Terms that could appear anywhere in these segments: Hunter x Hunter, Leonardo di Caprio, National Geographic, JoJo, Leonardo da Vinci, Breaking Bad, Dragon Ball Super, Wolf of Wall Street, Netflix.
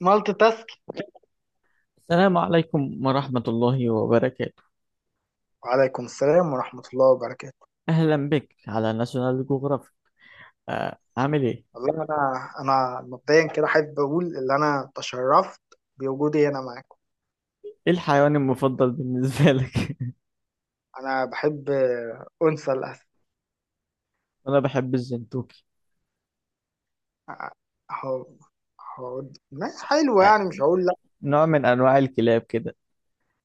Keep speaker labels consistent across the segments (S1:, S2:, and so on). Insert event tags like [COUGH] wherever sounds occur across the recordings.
S1: مالتي تاسك.
S2: السلام عليكم ورحمة الله وبركاته.
S1: وعليكم السلام ورحمة الله وبركاته.
S2: أهلا بك على ناشونال جوغرافيك. عامل إيه؟
S1: والله أنا مبدئيا كده أحب أقول إن أنا تشرفت بوجودي هنا معاكم.
S2: إيه الحيوان المفضل بالنسبة لك؟
S1: أنا بحب أنثى الأسد.
S2: [LAUGHS] أنا بحب الزنتوكي.
S1: أهو أهو، ما حلوة
S2: آه،
S1: يعني، مش هقول لأ.
S2: نوع من أنواع الكلاب كده.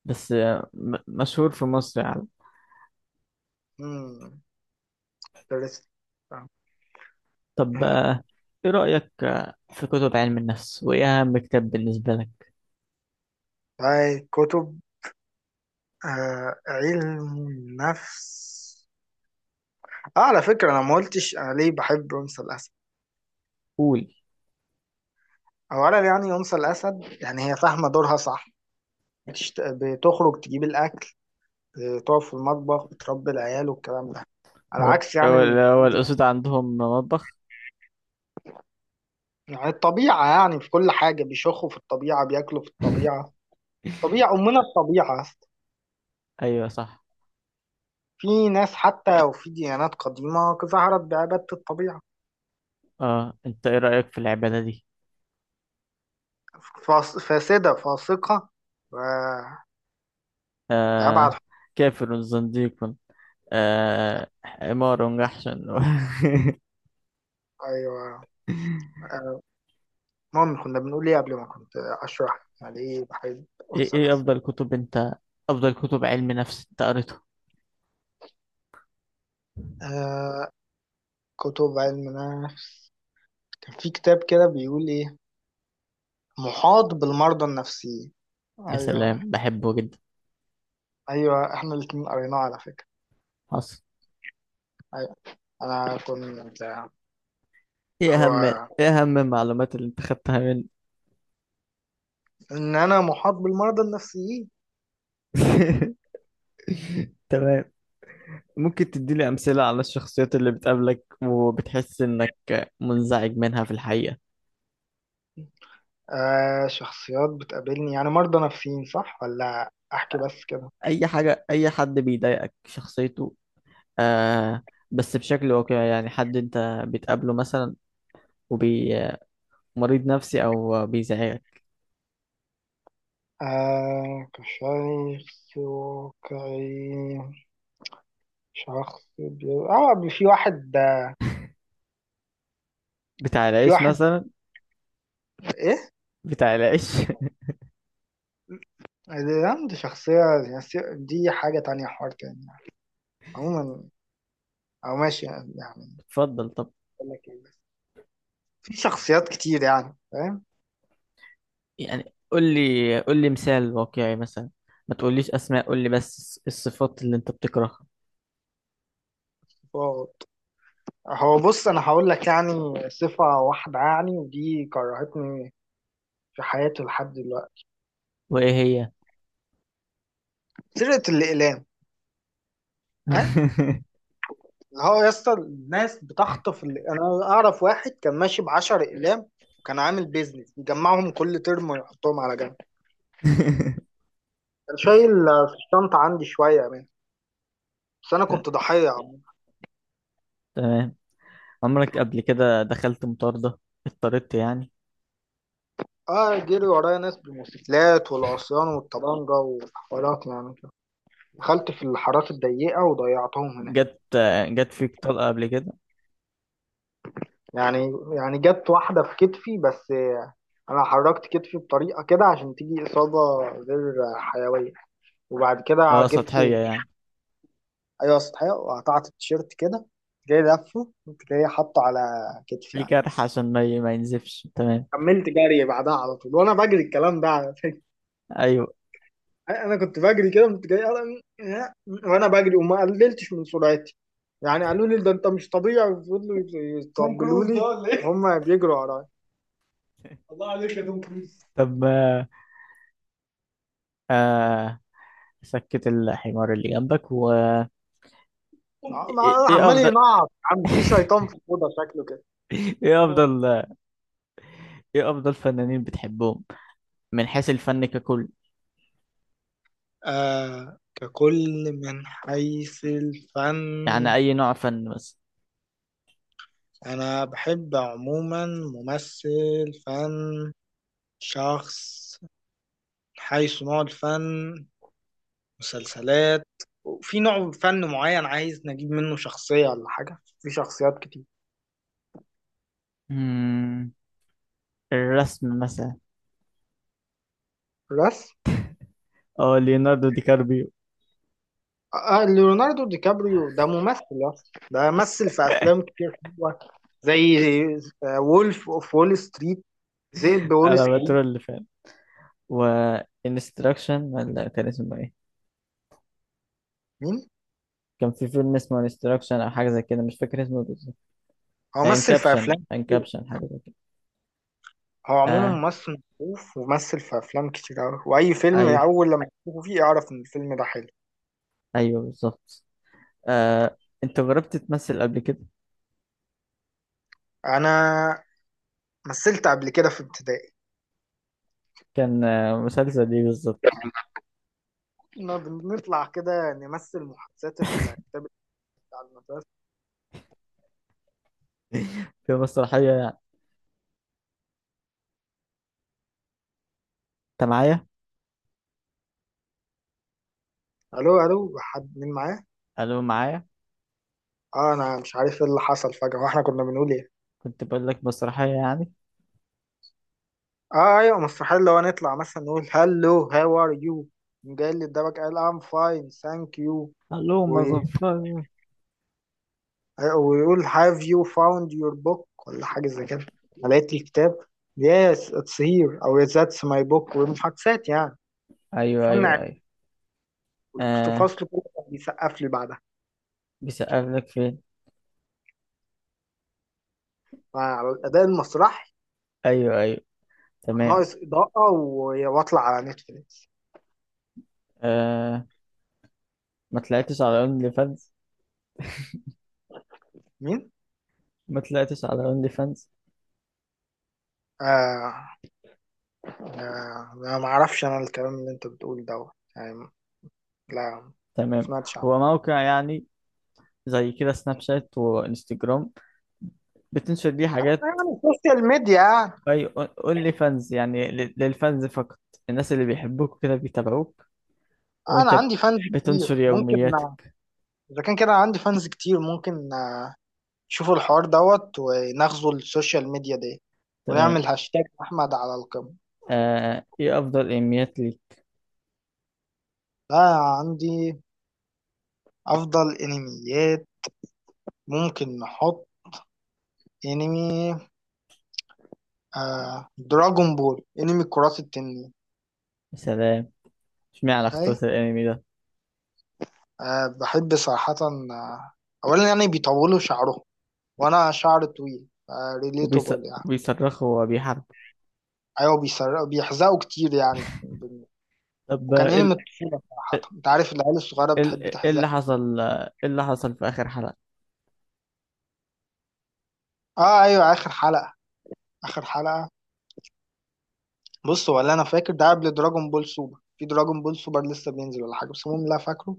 S2: بس مشهور في مصر يعني.
S1: مم، درست.
S2: طب
S1: آه،
S2: إيه رأيك في كتب علم النفس؟ وإيه أهم كتاب بالنسبة لك؟
S1: طيب، كتب علم النفس. آه، على فكرة أنا ما قلتش أنا ليه بحب أنثى الأسد.
S2: قول.
S1: أولا يعني أنثى الأسد، يعني هي فاهمة دورها صح. بتخرج تجيب الأكل، تقف في المطبخ، بتربي العيال والكلام ده. على
S2: هو
S1: عكس يعني
S2: هو هو
S1: دي يعني.
S2: الأسود عندهم مطبخ؟
S1: يعني الطبيعة، يعني في كل حاجة بيشخوا في الطبيعة، بياكلوا في الطبيعة. طبيعة أمنا الطبيعة أصلا.
S2: أيوه صح.
S1: في ناس حتى وفي ديانات قديمة ظهرت بعبادة الطبيعة.
S2: أه أنت إيه رأيك في العبادة دي؟
S1: فاسدة فاسقة و- لأبعد
S2: آه،
S1: حد.
S2: كافر زنديق. آه عمارة ونجحشن. [LAUGHS]
S1: أيوة. المهم، كنا بنقول إيه قبل ما كنت أشرح يعني إيه بحيث
S2: ايه
S1: أنثى
S2: ايه
S1: الأسد.
S2: افضل كتب انت، افضل كتب علم نفس انت قريته؟
S1: آه كتب علم النفس، كان في كتاب كده بيقول إيه، محاط بالمرضى النفسيين.
S2: يا
S1: ايوه.
S2: سلام، بحبه جدا.
S1: ايوه، احنا الاتنين قريناه على فكره.
S2: حصل.
S1: ايوه، انا كنت.
S2: ايه اهم ايه
S1: هو،
S2: اهم المعلومات اللي انت خدتها مني؟
S1: ان انا محاط بالمرضى النفسيين.
S2: [LAUGHS] تمام. ممكن تديني امثلة على الشخصيات اللي بتقابلك وبتحس انك منزعج منها في الحقيقة؟
S1: شخصيات بتقابلني يعني مرضى نفسيين صح، ولا احكي بس كده؟
S2: اي حاجة، اي حد بيضايقك شخصيته. آه. بس بشكل واقعي يعني، حد انت بتقابله مثلا وبي مريض نفسي او بيزعجك.
S1: كشخص واقعي. شخص بي... اه بي- في واحد
S2: بتاع
S1: في
S2: العيش
S1: واحد
S2: مثلا؟
S1: ايه.
S2: بتاع العيش. [LAUGHS]
S1: دي شخصية، يعني دي حاجة تانية، حوار تاني يعني. عموما، او ماشي يعني.
S2: اتفضل طب.
S1: أقول لك إيه. في شخصيات كتير يعني، فاهم؟
S2: يعني قول لي مثال واقعي مثلا، ما تقوليش اسماء، قول لي بس الصفات اللي انت بتكرهها.
S1: هو هو بص، انا هقول لك يعني صفة واحدة يعني، ودي كرهتني في حياتي لحد دلوقتي.
S2: وايه هي؟
S1: سرقة الاقلام. ها. اللي هو يا اسطى، الناس بتخطف انا اعرف واحد كان ماشي ب 10 اقلام، وكان عامل بيزنس يجمعهم كل ترم ويحطهم على جنب.
S2: [LAUGHS]
S1: كان شايل في الشنطة عندي شوية منه، بس انا
S2: ت-
S1: كنت ضحية عمو.
S2: تمام. عمرك قبل كده دخلت مطاردة، اضطريت يعني؟
S1: اه جري ورايا ناس بالموتوسيكلات والعصيان والطبانجة وحوارات يعني كده، دخلت في الحارات الضيقة وضيعتهم هناك.
S2: جت جت فيك طلقة قبل كده؟
S1: يعني جت واحدة في كتفي بس. أنا حركت كتفي بطريقة كده عشان تيجي إصابة غير حيوية، وبعد كده
S2: اه
S1: جبت.
S2: سطحية يعني،
S1: أيوة، سطحية، وقطعت التيشيرت كده. جاي لفه، كنت جاي حاطه على كتفي
S2: ليه
S1: يعني.
S2: جرح عشان ما ينزفش. تمام.
S1: كملت جري بعدها على طول، وأنا بجري الكلام ده على فكرة.
S2: ايوه.
S1: أنا كنت بجري كده، كنت جاي وأنا بجري وما قللتش من سرعتي يعني. قالوا لي ده أنت مش طبيعي، وفضلوا توم يطبلوا كروز ده لي ولا ايه؟ وهم بيجروا ورايا.
S2: [LAUGHS]
S1: الله عليك يا توم كروز.
S2: طب آه، سكت الحمار اللي جنبك و... ايه إيه
S1: عمال
S2: افضل
S1: ينعط يا عم، في شيطان في الأوضة شكله كده.
S2: [LAUGHS] ايه افضل ايه افضل فنانين بتحبهم من حيث الفن ككل؟
S1: ككل، من حيث الفن.
S2: يعني اي نوع فن بس.
S1: أنا بحب عموما ممثل فن، شخص، حيث نوع الفن، مسلسلات. وفي نوع فن معين عايز نجيب منه شخصية ولا حاجة؟ في شخصيات كتير.
S2: مم. الرسم مثلا.
S1: بس،
S2: اه ليوناردو دي كاربيو.
S1: ليوناردو دي كابريو ده ممثل يا اسطى. ده مثل في أفلام كتير حلوة، زي وولف أوف وول ستريت، ذئب وول
S2: انا
S1: ستريت.
S2: بترول فان. و انستراكشن، ولا كان اسمه ايه؟
S1: مين؟
S2: كان في فيلم اسمه انستراكشن او حاجه زي كده، مش فاكر اسمه بالظبط.
S1: هو مثل في
S2: انكابشن
S1: افلام كتير.
S2: انكابشن حاجه زي كده.
S1: هو عموما
S2: آه.
S1: ممثل معروف، وممثل في افلام كتير قوي، واي فيلم
S2: ايوه،
S1: اول لما تشوفه فيه اعرف ان الفيلم ده حلو.
S2: ايوه بالظبط. آه. انت جربت تمثل قبل كده؟
S1: انا مثلت قبل كده في ابتدائي.
S2: كان مسلسل ايه بالظبط؟
S1: كنا بنطلع كده نمثل محادثات الكتاب بتاع المدرسه.
S2: [LAUGHS] في مسرحيه يعني. انت معايا؟
S1: الو الو، حد، مين معاه؟
S2: الو معايا.
S1: اه انا مش عارف ايه اللي حصل فجاه، واحنا كنا بنقول ايه.
S2: كنت بقول لك مسرحيه يعني.
S1: اه ايوه، مستحيل. لو نطلع مثلا نقول هلو هاو ار يو، قام جاي للدرجه قال ام فاين ثانك يو،
S2: اللهم ظفر.
S1: ويقول have you found your book ولا حاجة زي كده، لقيت الكتاب yes it's here أو "Yes, that's my book، ومحاكسات يعني.
S2: ايوه
S1: فن
S2: ايوه
S1: عام.
S2: ايوه. آه.
S1: والفصل كله كان بيسقف لي بعدها،
S2: بيسقف لك فين؟
S1: فعلى الأداء المسرحي.
S2: ايوه ايوه.
S1: كان
S2: تمام.
S1: ناقص إضاءة وأطلع على نتفليكس.
S2: آه. ما طلعتش على اونلي فانز؟
S1: مين؟
S2: ما طلعتش على اونلي فانز.
S1: آه أنا ما أعرفش، أنا الكلام اللي أنت بتقول دوت يعني. لا، ما
S2: تمام.
S1: سمعتش عنه.
S2: هو موقع يعني زي كده سناب شات وانستجرام، بتنشر ليه حاجات.
S1: يعني السوشيال ميديا.
S2: اي. اونلي فانز يعني للفانز فقط، الناس اللي بيحبوك كده بيتابعوك،
S1: أنا
S2: وانت
S1: عندي فانز
S2: بتنشر
S1: كتير ممكن،
S2: يومياتك.
S1: إذا كان كده عندي فانز كتير ممكن. شوفوا الحوار دوت، وناخذوا السوشيال ميديا دي،
S2: تمام.
S1: ونعمل هاشتاج احمد على القمة.
S2: آه، ايه افضل انميات ليك؟
S1: ده عندي افضل انميات، ممكن نحط انمي، دراجون بول، انمي كرات التنين.
S2: يا سلام. اشمعنى
S1: اي،
S2: اخترت الانمي ده؟
S1: بحب صراحة. آه اولا يعني بيطولوا شعرهم، وانا شعر طويل،
S2: وبيص-
S1: ريليتابل يعني.
S2: وبيصرخوا وبيحاربوا.
S1: ايوه، بيسرقوا بيحزقوا كتير يعني الدنيا.
S2: طب
S1: وكان
S2: ايه
S1: انمي
S2: ال-
S1: الطفولة صراحة،
S2: إيه
S1: انت عارف العيال الصغيرة
S2: ال-
S1: بتحب
S2: إيه
S1: تحزق.
S2: اللي حصل، ايه اللي حصل في اخر حلقة؟
S1: اه ايوه، اخر حلقة. اخر حلقة، بص، هو اللي انا فاكر ده قبل دراجون بول سوبر، في دراجون بول سوبر لسه بينزل ولا حاجه، بس المهم اللي أنا فاكره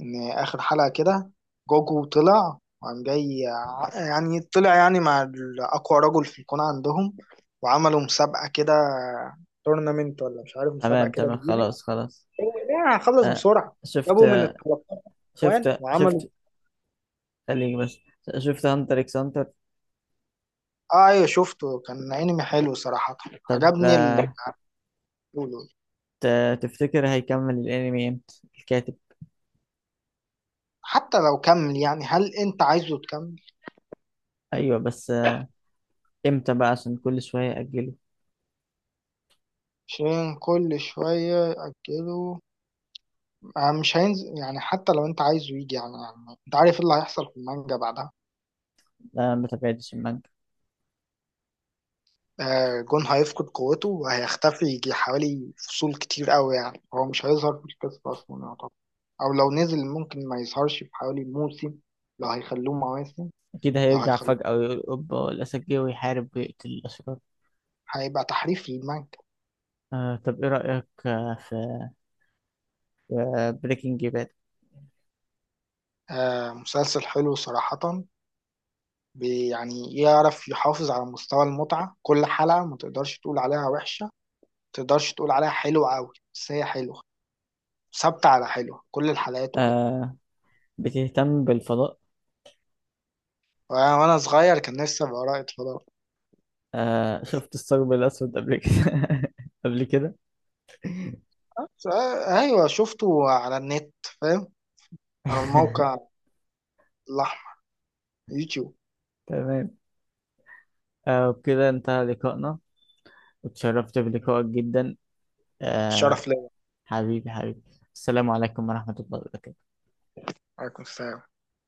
S1: ان اخر حلقه كده، جوجو طلع وقام جاي يعني طلع يعني مع اقوى رجل في الكون عندهم، وعملوا مسابقه كده، تورنمنت ولا مش عارف، مسابقه
S2: تمام
S1: كده
S2: تمام،
S1: كبيره.
S2: خلاص خلاص.
S1: هو ده يعني، خلص
S2: آه،
S1: بسرعه.
S2: شفت
S1: جابوا من ال 13، وان،
S2: شفت
S1: وعملوا.
S2: شفت خليك بس. شفت هانتر اكس هانتر؟
S1: اه ايوه، شفته، كان انمي حلو صراحه.
S2: طب
S1: عجبني اللي بيقولوا.
S2: تفتكر هيكمل الانمي امتى الكاتب؟
S1: حتى لو كمل يعني، هل انت عايزه تكمل؟
S2: ايوه بس امتى بقى عشان كل شوية يأجله؟
S1: عشان كل شوية يأجلوا. آه، مش هينزل يعني، حتى لو انت عايزه يجي يعني، يعني انت عارف ايه اللي هيحصل في المانجا بعدها.
S2: لا، ما تابعتش المانجا.
S1: آه، جون هيفقد قوته وهيختفي، يجي حوالي فصول كتير قوي، يعني هو مش هيظهر في القصة أصلا يعتبر. أو لو نزل ممكن ما يظهرش في حوالي موسم، لو هيخلوه مواسم.
S2: اكيد
S1: لو
S2: هيرجع
S1: هيخلوه
S2: فجأة ويقول اوبا الاسد جه ويحارب ويقتل الاشرار.
S1: هيبقى تحريف للمانجا.
S2: آه طب ايه رأيك في بريكنج باد؟
S1: آه، مسلسل حلو صراحة. يعني يعرف يحافظ على مستوى المتعة كل حلقة، ما تقدرش تقول عليها وحشة، تقدرش تقول عليها حلوة قوي، بس هي حلوة، ثابتة على حلوة كل الحلقات وكده.
S2: آه. بتهتم بالفضاء؟
S1: وأنا صغير، كان نفسي أبقى رائد فضاء.
S2: آه شفت الثقب الأسود قبل كده؟ [LAUGHS] قبل كده.
S1: بس، آه، أيوة، شفته على النت، فاهم، على الموقع
S2: [LAUGHS]
S1: الأحمر، يوتيوب.
S2: تمام. آه، وبكده انتهى لقائنا، وتشرفت بلقائك جدا. آه.
S1: الشرف ليا.
S2: حبيبي حبيبي. السلام عليكم ورحمة الله وبركاته.
S1: عليكم السلام.